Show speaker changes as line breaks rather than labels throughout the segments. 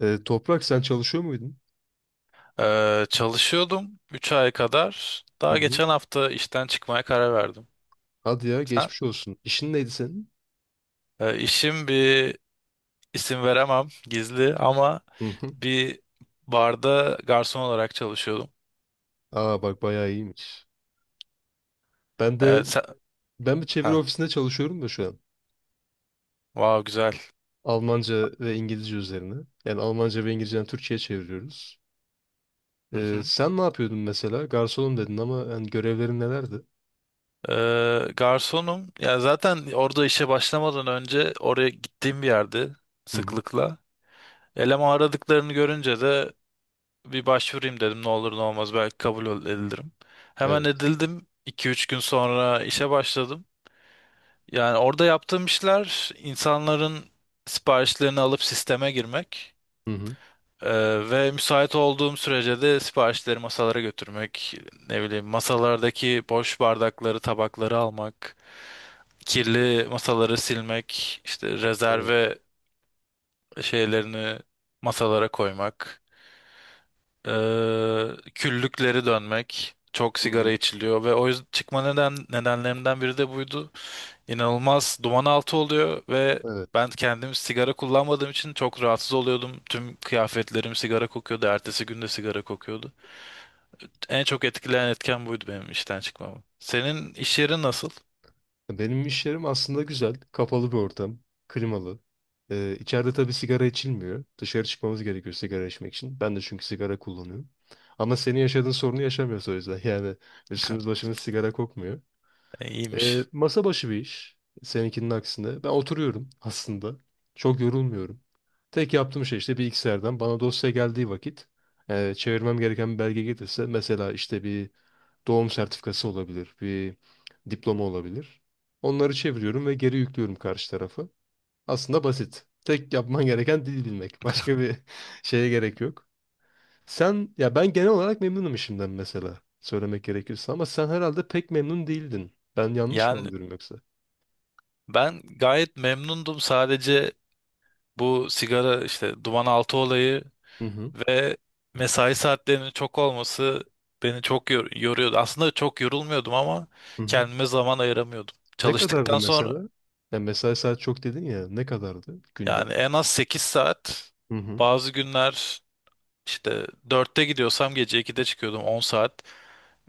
Toprak sen çalışıyor muydun?
Çalışıyordum 3 ay kadar.
Hı
Daha
hı.
geçen hafta işten çıkmaya karar verdim.
Hadi ya
Sen?
geçmiş olsun. İşin neydi senin?
İşim bir isim veremem gizli ama
Hı hı.
bir barda garson olarak çalışıyordum.
Aa bak bayağı iyiymiş. Ben de
Evet, sen...
ben bir çeviri
Ha,
ofisinde çalışıyorum da şu an.
wow güzel.
Almanca ve İngilizce üzerine. Yani Almanca ve İngilizce'den Türkçe'ye çeviriyoruz.
Hı hı.
Sen ne yapıyordun mesela? Garsonum dedin ama yani görevlerin nelerdi?
Garsonum. Ya zaten orada işe başlamadan önce oraya gittiğim bir yerde
Hı hı.
sıklıkla. Eleman aradıklarını görünce de bir başvurayım dedim, ne olur ne olmaz belki kabul edilirim. Hemen
Evet.
edildim. 2-3 gün sonra işe başladım. Yani orada yaptığım işler insanların siparişlerini alıp sisteme girmek,
Hı hı.
e, ve müsait olduğum sürece de siparişleri masalara götürmek, ne bileyim masalardaki boş bardakları, tabakları almak, kirli masaları silmek, işte
Evet.
rezerve şeylerini masalara koymak. Ee, küllükleri dönmek. Çok
Hı
sigara
hı.
içiliyor ve o yüzden çıkma nedenlerimden biri de buydu. İnanılmaz duman altı oluyor ve
Evet.
ben kendim sigara kullanmadığım için çok rahatsız oluyordum. Tüm kıyafetlerim sigara kokuyordu. Ertesi gün de sigara kokuyordu. En çok etkileyen etken buydu benim işten çıkmamı. Senin iş yerin nasıl?
Benim iş yerim aslında güzel. Kapalı bir ortam. Klimalı. İçeride tabii sigara içilmiyor. Dışarı çıkmamız gerekiyor sigara içmek için. Ben de çünkü sigara kullanıyorum. Ama senin yaşadığın sorunu yaşamıyoruz o yüzden. Yani üstümüz başımız sigara kokmuyor.
E, İyiymiş.
Masa başı bir iş. Seninkinin aksine. Ben oturuyorum aslında. Çok yorulmuyorum. Tek yaptığım şey işte bilgisayardan bana dosya geldiği vakit çevirmem gereken bir belge gelirse mesela işte bir doğum sertifikası olabilir, bir diploma olabilir. Onları çeviriyorum ve geri yüklüyorum karşı tarafı. Aslında basit. Tek yapman gereken dil bilmek. Başka bir şeye gerek yok. Sen ya ben genel olarak memnunum işimden mesela söylemek gerekirse ama sen herhalde pek memnun değildin. Ben yanlış mı
Yani
anlıyorum yoksa?
ben gayet memnundum. Sadece bu sigara işte duman altı olayı.
Hı hı.
Ve mesai saatlerinin çok olması beni çok yoruyordu. Aslında çok yorulmuyordum ama
Hı hı.
kendime zaman ayıramıyordum.
Ne kadardı
Çalıştıktan sonra
mesela? Ya mesai saat çok dedin ya ne kadardı günde?
yani en az 8 saat,
Hı hı.
bazı günler işte 4'te gidiyorsam gece 2'de çıkıyordum, 10 saat.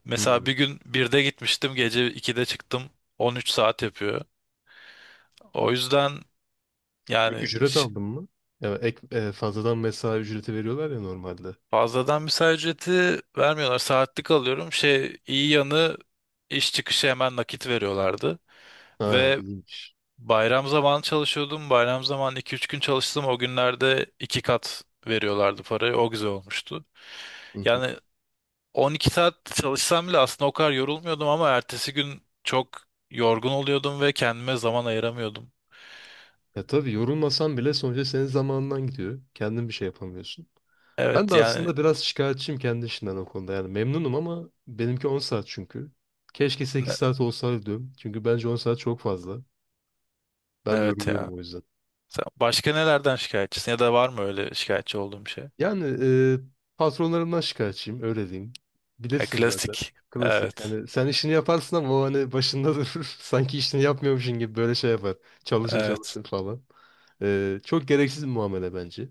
Mesela
Hı.
bir gün 1'de gitmiştim, gece 2'de çıktım, 13 saat yapıyor. O yüzden
Ek
yani
ücret aldın mı? Ya fazladan mesai ücreti veriyorlar ya normalde.
fazladan mesai ücreti vermiyorlar. Saatlik alıyorum. Şey, iyi yanı iş çıkışı hemen nakit veriyorlardı.
Ha
Ve
iyiymiş.
Bayram zamanı çalışıyordum. Bayram zamanı 2-3 gün çalıştım. O günlerde 2 kat veriyorlardı parayı. O güzel olmuştu.
Hı hı.
Yani 12 saat çalışsam bile aslında o kadar yorulmuyordum ama ertesi gün çok yorgun oluyordum ve kendime zaman ayıramıyordum.
Ya tabii yorulmasan bile sonuçta senin zamanından gidiyor. Kendin bir şey yapamıyorsun. Ben
Evet,
de
yani
aslında biraz şikayetçiyim kendi işimden o konuda. Yani memnunum ama benimki 10 saat çünkü. Keşke 8
ne-
saat olsaydı diyorum. Çünkü bence 10 saat çok fazla. Ben de
evet ya.
yoruluyorum o yüzden.
Sen başka nelerden şikayetçisin ya da var mı öyle şikayetçi olduğum şey?
Yani e, patronlarımdan şikayetçiyim öyle diyeyim.
Ya,
Bilirsin zaten.
klasik.
Klasik.
Evet.
Yani sen işini yaparsın ama o hani başında durur. Sanki işini yapmıyormuşsun gibi böyle şey yapar. Çalışın
Evet.
çalışın falan. Çok gereksiz bir muamele bence.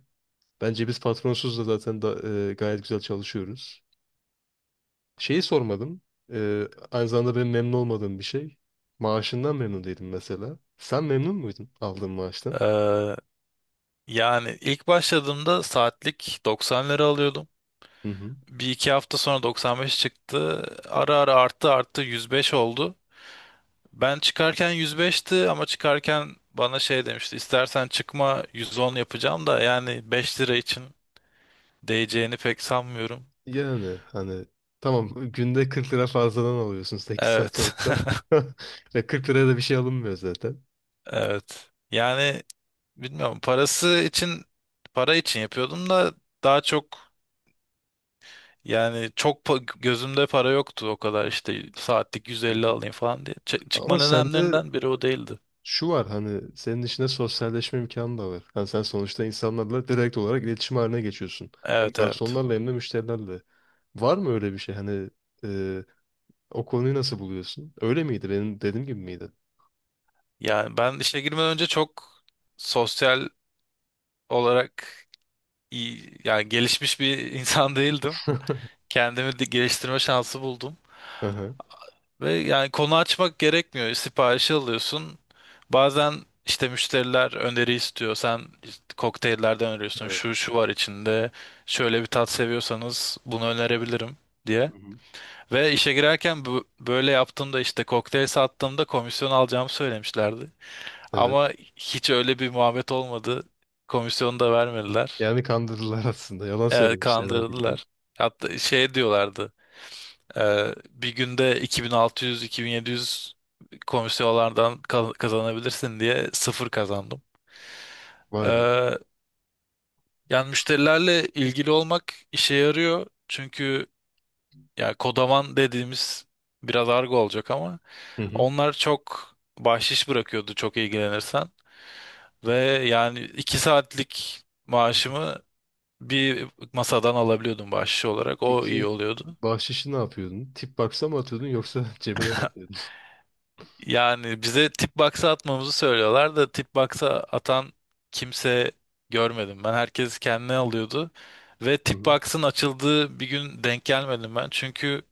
Bence biz patronsuz da zaten da, gayet güzel çalışıyoruz. Şeyi sormadım. Aynı zamanda benim memnun olmadığım bir şey. Maaşından memnun değilim mesela. Sen memnun muydun aldığın maaştan?
Ee, yani ilk başladığımda saatlik 90 lira alıyordum.
Hı hı.
Bir iki hafta sonra 95 çıktı. Ara ara arttı arttı 105 oldu. Ben çıkarken 105'ti ama çıkarken bana şey demişti. İstersen çıkma, 110 yapacağım da yani 5 lira için değeceğini pek sanmıyorum.
Yani hani tamam günde 40 lira fazladan alıyorsun 8 saat
Evet.
çalışsan. Ve 40 liraya da bir şey alınmıyor zaten.
Evet. Yani bilmiyorum, para için yapıyordum da daha çok, yani gözümde para yoktu o kadar, işte saatlik
Hı
150
hı.
alayım falan diye. Çıkma
Ama sende
nedenlerinden biri o değildi.
şu var hani senin içinde sosyalleşme imkanı da var. Hani sen sonuçta insanlarla direkt olarak iletişim haline geçiyorsun. Hem
Evet, evet.
garsonlarla hem de müşterilerle. Var mı öyle bir şey? Hani e, o konuyu nasıl buluyorsun? Öyle miydi? Benim dediğim gibi miydi?
Yani ben işe girmeden önce çok sosyal olarak iyi, yani gelişmiş bir insan değildim. Kendimi de geliştirme şansı buldum.
Hı hı.
Ve yani konu açmak gerekmiyor. Siparişi alıyorsun. Bazen işte müşteriler öneri istiyor. Sen işte kokteyllerden öneriyorsun.
Evet.
Şu şu var içinde. Şöyle bir tat seviyorsanız bunu önerebilirim diye.
Hı hı.
Ve işe girerken böyle yaptığımda işte kokteyl sattığımda komisyon alacağımı söylemişlerdi.
Evet.
Ama hiç öyle bir muhabbet olmadı. Komisyonu da vermediler.
Yani kandırdılar aslında. Yalan
Ee,
söylemişler bildiğin.
kandırdılar. Hatta şey diyorlardı. Bir günde 2600-2700 komisyonlardan kazanabilirsin diye sıfır kazandım.
Vay be.
Ee, yani müşterilerle ilgili olmak işe yarıyor. Çünkü ya kodaman dediğimiz biraz argo olacak ama
Hı hı.
onlar çok bahşiş bırakıyordu çok ilgilenirsen. Ve yani 2 saatlik
Hı hı.
maaşımı bir masadan alabiliyordum bahşiş olarak. O iyi
Peki
oluyordu.
bahşişi ne yapıyordun? Tip box'a mı atıyordun yoksa cebine mi atıyordun?
Yani bize tip box'a atmamızı söylüyorlar da tip box'a atan kimse görmedim. Ben herkes kendine alıyordu. Ve
Hı
tip
hı.
box'ın açıldığı bir gün denk gelmedim ben. Çünkü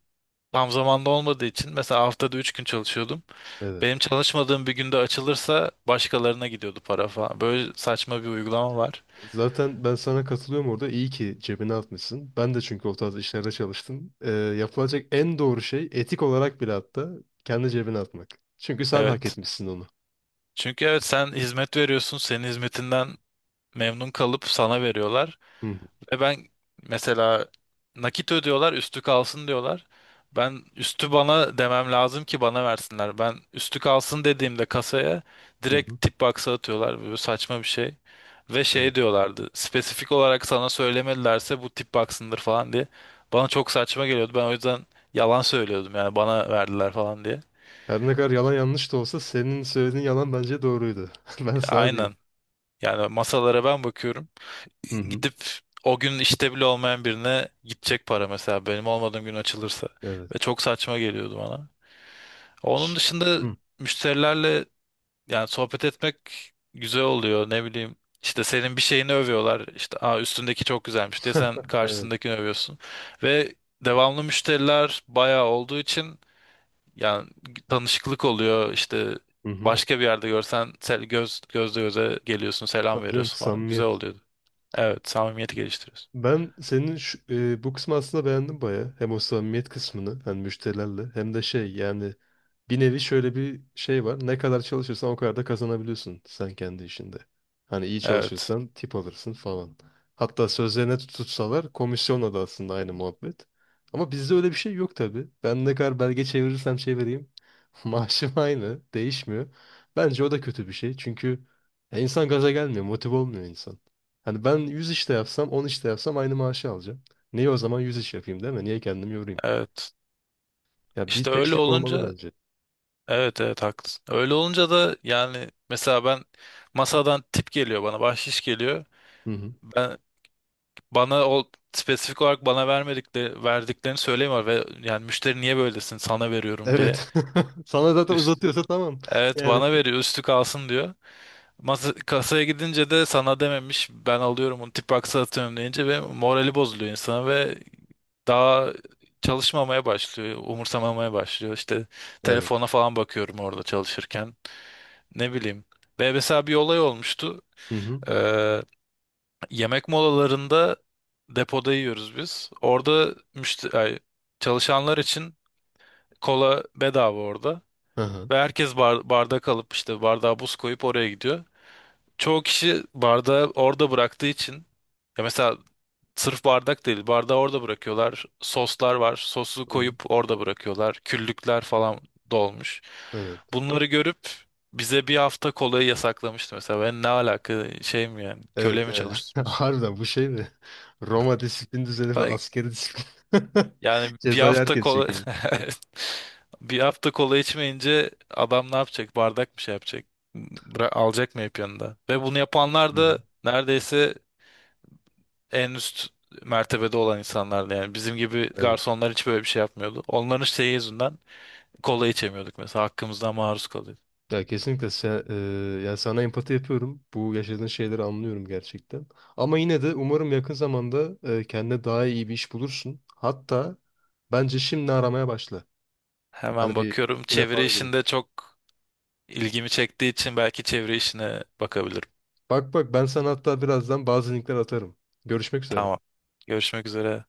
tam zamanda olmadığı için mesela haftada 3 gün çalışıyordum.
Evet.
Benim çalışmadığım bir günde açılırsa başkalarına gidiyordu para falan. Böyle saçma bir uygulama var.
Zaten ben sana katılıyorum orada. İyi ki cebine atmışsın. Ben de çünkü o tarz işlerde çalıştım. Yapılacak en doğru şey etik olarak bile hatta kendi cebine atmak. Çünkü sen hak
Evet.
etmişsin onu.
Çünkü evet sen hizmet veriyorsun. Senin hizmetinden memnun kalıp sana veriyorlar.
Hı hı.
Ve ben mesela nakit ödüyorlar, üstü kalsın diyorlar. Ben üstü bana demem lazım ki bana versinler. Ben üstü kalsın dediğimde kasaya
Hı hı.
direkt tip box'a atıyorlar. Böyle saçma bir şey. Ve
Evet.
şey diyorlardı. Spesifik olarak sana söylemedilerse bu tip box'ındır falan diye. Bana çok saçma geliyordu. Ben o yüzden yalan söylüyordum yani bana verdiler falan diye.
Her ne kadar yalan yanlış da olsa senin söylediğin yalan bence doğruydu. Ben sana diyeyim.
Aynen. Yani masalara ben bakıyorum.
Hı hı.
Gidip o gün işte bile olmayan birine gidecek para, mesela benim olmadığım gün açılırsa,
Evet.
ve çok saçma geliyordu bana. Onun
Ş-
dışında
Hı.
müşterilerle yani sohbet etmek güzel oluyor ne bileyim, işte senin bir şeyini övüyorlar, işte Aa, üstündeki çok güzelmiş diye, sen
Evet.
karşısındakini övüyorsun ve devamlı müşteriler bayağı olduğu için yani tanışıklık oluyor işte,
Hı hı.
başka bir yerde görsen göz göze geliyorsun, selam
Tabii canım,
veriyorsun falan, güzel
samimiyet.
oluyordu. Evet, samimiyeti geliştiriyorsun.
Ben senin bu kısmı aslında beğendim baya. Hem o samimiyet kısmını hani müşterilerle hem de şey yani bir nevi şöyle bir şey var. Ne kadar çalışırsan o kadar da kazanabiliyorsun sen kendi işinde. Hani iyi
Evet,
çalışırsan tip alırsın falan. Hatta sözlerine tutsalar komisyonla da aslında aynı muhabbet. Ama bizde öyle bir şey yok tabii. Ben ne kadar belge çevirirsem çevireyim maaşım aynı değişmiyor. Bence o da kötü bir şey çünkü insan gaza gelmiyor motive olmuyor insan. Hani ben 100 işte yapsam 10 işte yapsam aynı maaşı alacağım. Niye o zaman 100 iş yapayım değil mi? Niye kendimi yorayım?
evet.
Ya bir
İşte öyle
teşvik olmalı
olunca,
bence.
evet evet haklısın. Öyle olunca da yani mesela ben, masadan tip geliyor bana, bahşiş geliyor.
Hı hı.
Ben bana o spesifik olarak bana vermedikleri verdiklerini söylemiyor ve yani müşteri niye böylesin sana veriyorum diye.
Evet. Sana zaten
Üst,
uzatıyorsa tamam.
evet
Yani.
bana veriyor, üstü kalsın diyor. Kasaya gidince de sana dememiş, ben alıyorum onu tip box'a atıyorum deyince ve morali bozuluyor insana ve daha çalışmamaya başlıyor, umursamamaya başlıyor. İşte
Evet.
telefona falan bakıyorum orada çalışırken. Ne bileyim. Ve mesela bir olay olmuştu.
Hı hı.
Ee, yemek molalarında depoda yiyoruz biz. Orada çalışanlar için kola bedava orada.
Aha.
Ve herkes bardak alıp işte bardağa buz koyup oraya gidiyor. Çoğu kişi bardağı orada bıraktığı için, ya mesela sırf bardak değil, bardağı orada bırakıyorlar. Soslar var. Sosu
Hı hı.
koyup orada bırakıyorlar. Küllükler falan dolmuş.
Evet.
Bunları görüp bize bir hafta kolayı yasaklamıştı mesela. Ben ne alaka, şey mi yani,
Evet.
köle mi
Evet.
çalıştırıyorsun?
Harbiden bu şey mi? Roma disiplin düzeni ve
Say-
askeri disiplin.
Yani bir
Cezayı
hafta
herkes
kola
çekiyor.
bir hafta kola içmeyince adam ne yapacak? Bardak mı şey yapacak? Alacak mı hep yanında? Ve bunu yapanlar
Hı hı.
da neredeyse en üst mertebede olan insanlardı yani. Bizim gibi
Evet.
garsonlar hiç böyle bir şey yapmıyordu. Onların şeyi yüzünden kola içemiyorduk mesela. Hakkımızdan maruz kalıyorduk.
Ya kesinlikle sen, ya sana empati yapıyorum. Bu yaşadığın şeyleri anlıyorum gerçekten. Ama yine de umarım yakın zamanda kendine daha iyi bir iş bulursun. Hatta bence şimdi aramaya başla.
Hemen
Hani bir
bakıyorum.
LinkedIn'e
Çeviri
falan girip.
işinde çok ilgimi çektiği için belki çeviri işine bakabilirim.
Bak bak ben sana hatta birazdan bazı linkler atarım. Görüşmek üzere.
Tamam. Görüşmek üzere.